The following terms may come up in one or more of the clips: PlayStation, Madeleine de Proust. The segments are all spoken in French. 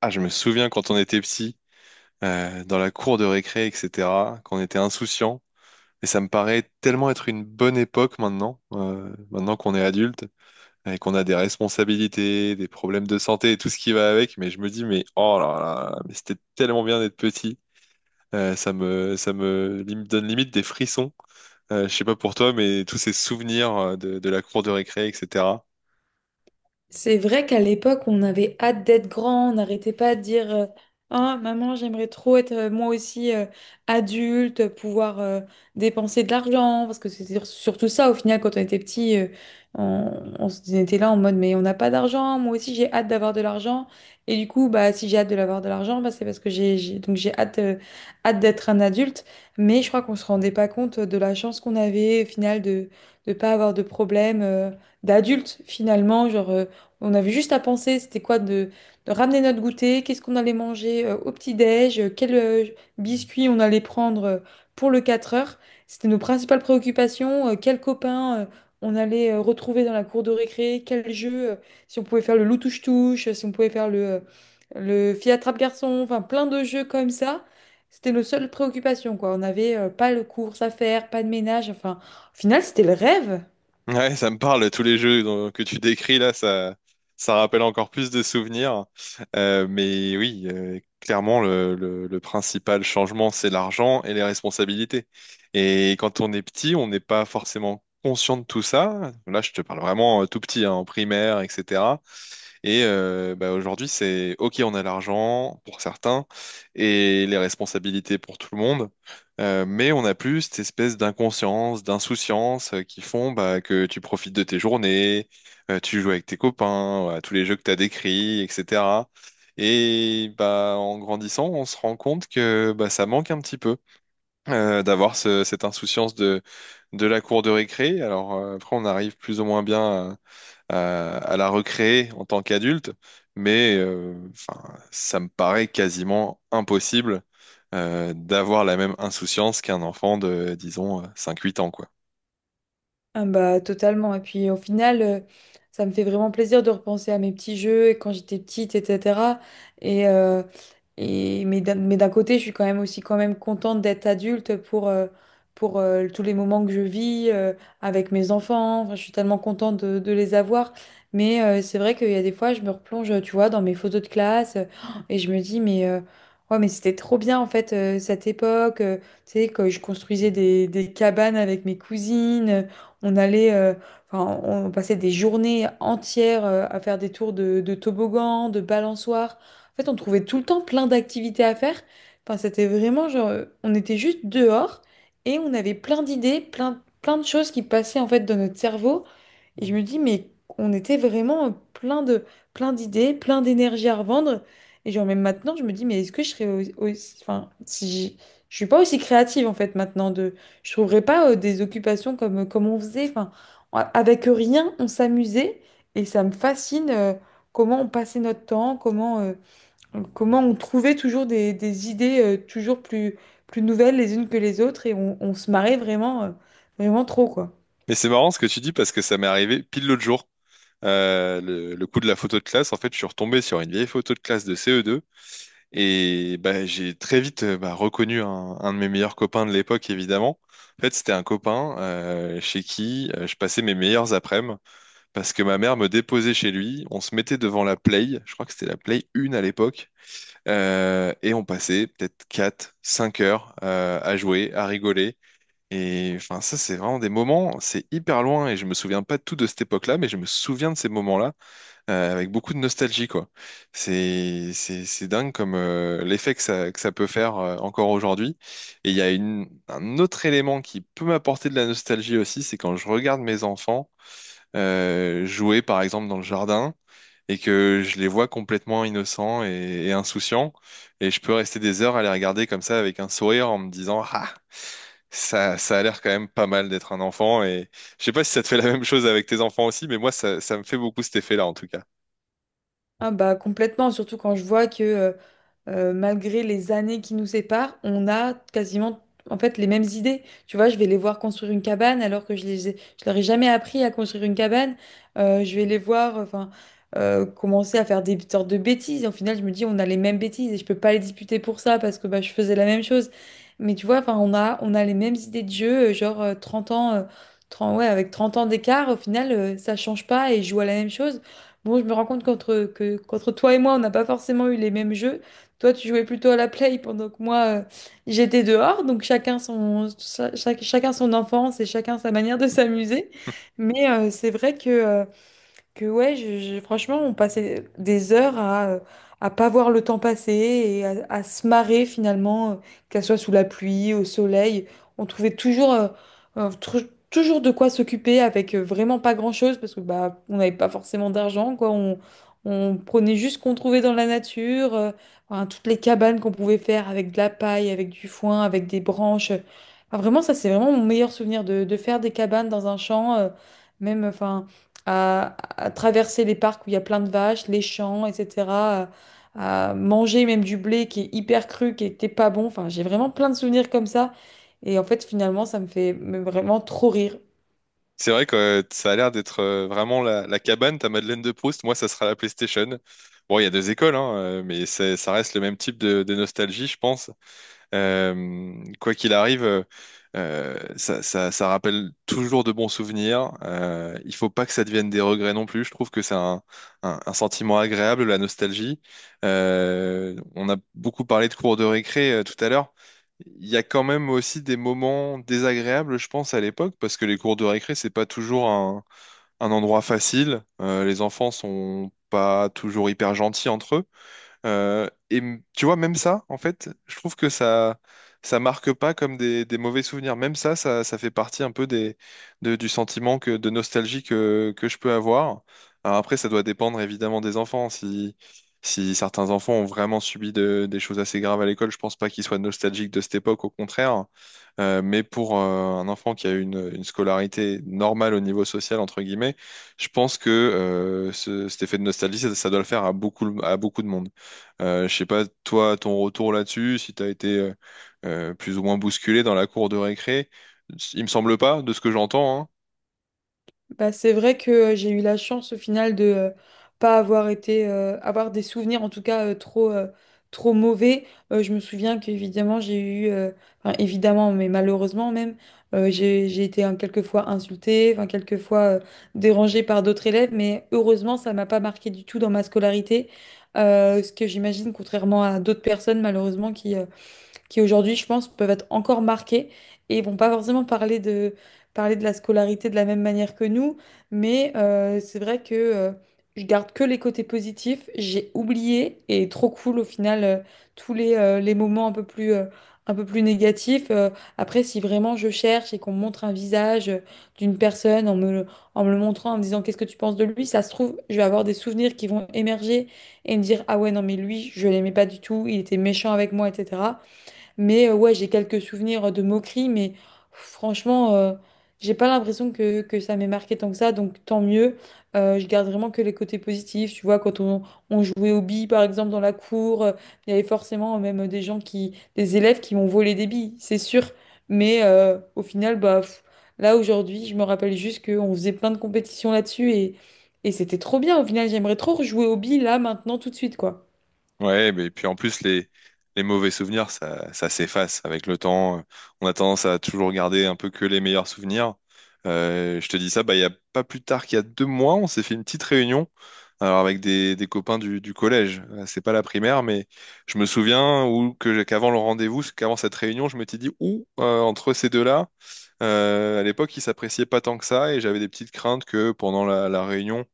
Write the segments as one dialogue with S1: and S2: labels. S1: Ah, je me souviens quand on était petit, dans la cour de récré, etc., qu'on était insouciant. Et ça me paraît tellement être une bonne époque maintenant, maintenant qu'on est adulte et qu'on a des responsabilités, des problèmes de santé et tout ce qui va avec. Mais je me dis, mais oh là là, mais c'était tellement bien d'être petit. Ça me donne limite des frissons. Je sais pas pour toi, mais tous ces souvenirs de la cour de récré, etc.
S2: C'est vrai qu'à l'époque, on avait hâte d'être grand, on n'arrêtait pas de dire Oh, maman, j'aimerais trop être moi aussi adulte, pouvoir dépenser de l'argent. Parce que c'était surtout ça, au final, quand on était petit, on était là en mode: mais on n'a pas d'argent, moi aussi j'ai hâte d'avoir de l'argent. Et du coup, bah, si j'ai hâte de l'avoir de l'argent, bah, c'est parce que donc j'ai hâte, hâte d'être un adulte. Mais je crois qu'on se rendait pas compte de la chance qu'on avait, au final, de ne pas avoir de problème d'adulte, finalement. Genre. On avait juste à penser, c'était quoi de ramener notre goûter, qu'est-ce qu'on allait manger au petit-déj, quel biscuit on allait prendre pour le 4 heures. C'était nos principales préoccupations, quel copain on allait retrouver dans la cour de récré, quel jeu, si on pouvait faire le loup touche-touche, si on pouvait faire le fille attrape-garçon, enfin plein de jeux comme ça. C'était nos seules préoccupations, quoi. On n'avait pas de courses à faire, pas de ménage, enfin, au final, c'était le rêve.
S1: Ouais, ça me parle, tous les jeux que tu décris là, ça rappelle encore plus de souvenirs. Mais oui, clairement, le principal changement, c'est l'argent et les responsabilités. Et quand on est petit, on n'est pas forcément conscient de tout ça. Là, je te parle vraiment tout petit, hein, en primaire, etc. Et bah, aujourd'hui, c'est OK, on a l'argent pour certains et les responsabilités pour tout le monde, mais on a plus cette espèce d'inconscience, d'insouciance qui font bah, que tu profites de tes journées, tu joues avec tes copains, à tous les jeux que tu as décrits, etc. Et bah, en grandissant, on se rend compte que bah, ça manque un petit peu d'avoir cette insouciance de la cour de récré. Alors après, on arrive plus ou moins bien à la recréer en tant qu'adulte, mais enfin, ça me paraît quasiment impossible d'avoir la même insouciance qu'un enfant de, disons, 5-8 ans, quoi.
S2: Ah bah totalement. Et puis au final, ça me fait vraiment plaisir de repenser à mes petits jeux et quand j'étais petite, etc. Et, euh, et mais d'un côté, je suis quand même aussi quand même contente d'être adulte pour, tous les moments que je vis avec mes enfants. Enfin, je suis tellement contente de les avoir. Mais c'est vrai qu'il y a des fois, je me replonge, tu vois, dans mes photos de classe et je me dis, mais ouais, mais c'était trop bien en fait cette époque. Tu sais, que je construisais des cabanes avec mes cousines. On allait, euh, on passait des journées entières à faire des tours de toboggan, de balançoire. En fait, on trouvait tout le temps plein d'activités à faire. Enfin, c'était vraiment genre, on était juste dehors et on avait plein d'idées, plein de choses qui passaient en fait dans notre cerveau. Et je me dis, mais on était vraiment plein d'idées, plein d'énergie à revendre. Et genre, même maintenant, je me dis, mais est-ce que je serais aussi, enfin, si je je suis pas aussi créative en fait maintenant de je trouverais pas des occupations comme, comme on faisait. Enfin, avec rien, on s'amusait et ça me fascine comment on passait notre temps, comment on trouvait toujours des idées plus nouvelles les unes que les autres et on se marrait vraiment, vraiment trop, quoi.
S1: Mais c'est marrant ce que tu dis parce que ça m'est arrivé pile l'autre jour. Le coup de la photo de classe, en fait, je suis retombé sur une vieille photo de classe de CE2 et bah, j'ai très vite bah, reconnu un de mes meilleurs copains de l'époque, évidemment. En fait, c'était un copain chez qui je passais mes meilleurs après-midi parce que ma mère me déposait chez lui, on se mettait devant la Play, je crois que c'était la Play 1 à l'époque, et on passait peut-être 4, 5 heures à jouer, à rigoler. Et enfin, ça, c'est vraiment des moments, c'est hyper loin, et je me souviens pas de tout de cette époque-là, mais je me souviens de ces moments-là avec beaucoup de nostalgie, quoi. C'est dingue comme l'effet que ça peut faire encore aujourd'hui. Et il y a un autre élément qui peut m'apporter de la nostalgie aussi, c'est quand je regarde mes enfants jouer par exemple dans le jardin et que je les vois complètement innocents et insouciants, et je peux rester des heures à les regarder comme ça avec un sourire en me disant, ah, ça ça a l'air quand même pas mal d'être un enfant. Et je sais pas si ça te fait la même chose avec tes enfants aussi, mais moi ça ça me fait beaucoup cet effet-là en tout cas.
S2: Ah bah complètement, surtout quand je vois que malgré les années qui nous séparent, on a quasiment en fait les mêmes idées. Tu vois, je vais les voir construire une cabane alors que je leur ai jamais appris à construire une cabane. Je vais les voir enfin commencer à faire des sortes de bêtises. Et au final, je me dis on a les mêmes bêtises et je peux pas les disputer pour ça parce que bah, je faisais la même chose. Mais tu vois, enfin on a les mêmes idées de jeu, 30 ans 30, ouais, avec 30 ans d'écart, au final, ça change pas et je joue à la même chose. Bon, je me rends compte qu'entre toi et moi, on n'a pas forcément eu les mêmes jeux, toi, tu jouais plutôt à la play pendant que moi, j'étais dehors. Donc chacun son enfance et chacun sa manière de s'amuser. Mais c'est vrai que ouais, franchement, on passait des heures à pas voir le temps passer et à se marrer finalement, qu'elle soit sous la pluie, au soleil. On trouvait toujours, toujours de quoi s'occuper avec vraiment pas grand-chose parce que bah, on n'avait pas forcément d'argent, quoi. On prenait juste ce qu'on trouvait dans la nature, enfin, toutes les cabanes qu'on pouvait faire avec de la paille, avec du foin, avec des branches. Enfin, vraiment, ça, c'est vraiment mon meilleur souvenir de faire des cabanes dans un champ, même, enfin à traverser les parcs où il y a plein de vaches, les champs, etc. À manger même du blé qui est hyper cru, qui était pas bon. Enfin, j'ai vraiment plein de souvenirs comme ça. Et en fait, finalement, ça me fait vraiment trop rire.
S1: C'est vrai que ça a l'air d'être vraiment la cabane, ta Madeleine de Proust. Moi, ça sera la PlayStation. Bon, il y a deux écoles, hein, mais ça reste le même type de nostalgie, je pense. Quoi qu'il arrive, ça rappelle toujours de bons souvenirs. Il faut pas que ça devienne des regrets non plus. Je trouve que c'est un sentiment agréable, la nostalgie. On a beaucoup parlé de cours de récré tout à l'heure. Il y a quand même aussi des moments désagréables, je pense, à l'époque, parce que les cours de récré, c'est pas toujours un endroit facile. Les enfants sont pas toujours hyper gentils entre eux. Et tu vois, même ça, en fait, je trouve que ça marque pas comme des mauvais souvenirs. Même ça, ça, ça fait partie un peu du sentiment de nostalgie que je peux avoir. Alors après, ça doit dépendre évidemment des enfants. Si certains enfants ont vraiment subi des choses assez graves à l'école, je pense pas qu'ils soient nostalgiques de cette époque, au contraire. Mais pour un enfant qui a eu une scolarité normale au niveau social, entre guillemets, je pense que cet effet de nostalgie, ça doit le faire à beaucoup de monde. Je sais pas, toi, ton retour là-dessus, si t'as été plus ou moins bousculé dans la cour de récré, il me semble pas, de ce que j'entends, hein.
S2: Bah, c'est vrai que j'ai eu la chance au final de pas avoir été avoir des souvenirs en tout cas trop mauvais. Je me souviens qu'évidemment évidemment mais malheureusement même j'ai été hein, quelquefois insultée, enfin quelquefois dérangée par d'autres élèves, mais heureusement ça m'a pas marqué du tout dans ma scolarité. Ce que j'imagine contrairement à d'autres personnes malheureusement qui aujourd'hui, je pense, peuvent être encore marqués et vont pas forcément parler parler de la scolarité de la même manière que nous, mais c'est vrai que je garde que les côtés positifs, j'ai oublié et trop cool au final tous les moments un peu plus négatifs. Après, si vraiment je cherche et qu'on me montre un visage d'une personne en me le montrant, en me disant qu'est-ce que tu penses de lui, ça se trouve, je vais avoir des souvenirs qui vont émerger et me dire, ah ouais, non, mais lui, je l'aimais pas du tout, il était méchant avec moi, etc. Mais ouais, j'ai quelques souvenirs de moqueries, mais franchement, j'ai pas l'impression que ça m'ait marqué tant que ça, donc tant mieux. Je garde vraiment que les côtés positifs. Tu vois, on jouait aux billes, par exemple, dans la cour, il y avait forcément même des gens des élèves qui m'ont volé des billes, c'est sûr. Mais au final, bah, pff, là aujourd'hui, je me rappelle juste qu'on faisait plein de compétitions là-dessus et c'était trop bien. Au final, j'aimerais trop rejouer aux billes là, maintenant, tout de suite, quoi.
S1: Ouais, mais puis en plus, les mauvais souvenirs, ça s'efface avec le temps. On a tendance à toujours garder un peu que les meilleurs souvenirs. Je te dis ça, bah, il y a pas plus tard qu'il y a 2 mois, on s'est fait une petite réunion, alors avec des copains du collège. C'est pas la primaire, mais je me souviens ou que qu'avant le rendez-vous, qu'avant cette réunion, je m'étais dit, ouh, entre ces deux-là. À l'époque, ils s'appréciaient pas tant que ça et j'avais des petites craintes que pendant la réunion,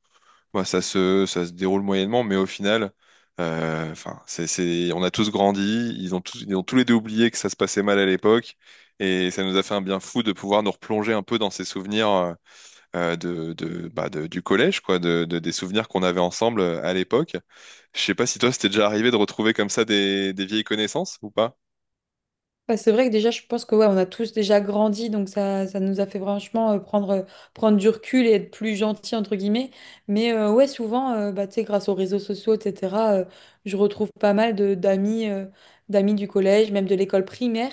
S1: bah, ça se déroule moyennement, mais au final, enfin, on a tous grandi, ils ont tous les deux oublié que ça se passait mal à l'époque et ça nous a fait un bien fou de pouvoir nous replonger un peu dans ces souvenirs bah, du collège, quoi, des souvenirs qu'on avait ensemble à l'époque. Je sais pas si toi, c'était déjà arrivé de retrouver comme ça des vieilles connaissances ou pas?
S2: Bah, c'est vrai que déjà, je pense que ouais, on a tous déjà grandi, donc ça nous a fait franchement prendre du recul et être plus gentil, entre guillemets. Mais ouais, souvent, bah, tu sais, grâce aux réseaux sociaux, etc., je retrouve pas mal de d'amis d'amis du collège, même de l'école primaire,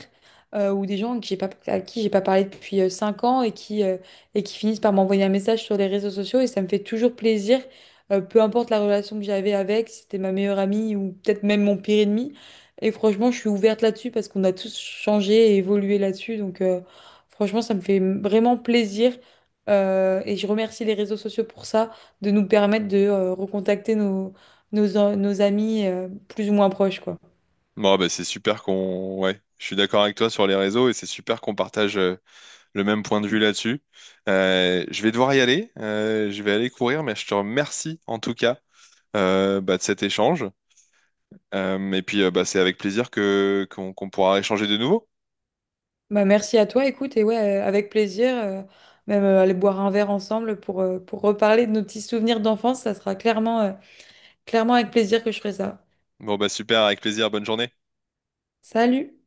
S2: ou des gens que j'ai pas, à qui j'ai pas parlé depuis 5 ans et qui finissent par m'envoyer un message sur les réseaux sociaux. Et ça me fait toujours plaisir, peu importe la relation que j'avais avec, si c'était ma meilleure amie ou peut-être même mon pire ennemi. Et franchement, je suis ouverte là-dessus parce qu'on a tous changé et évolué là-dessus. Donc, franchement, ça me fait vraiment plaisir. Et je remercie les réseaux sociaux pour ça, de nous permettre de recontacter nos amis plus ou moins proches, quoi.
S1: Bon, bah, Ouais, je suis d'accord avec toi sur les réseaux et c'est super qu'on partage le même point de vue là-dessus. Je vais devoir y aller, je vais aller courir, mais je te remercie en tout cas bah, de cet échange. Et puis, bah, c'est avec plaisir que qu'on qu'on pourra échanger de nouveau.
S2: Bah, merci à toi, écoute, et ouais, avec plaisir, même aller boire un verre ensemble pour reparler de nos petits souvenirs d'enfance, ça sera clairement, clairement avec plaisir que je ferai ça.
S1: Bon, bah super, avec plaisir, bonne journée.
S2: Salut!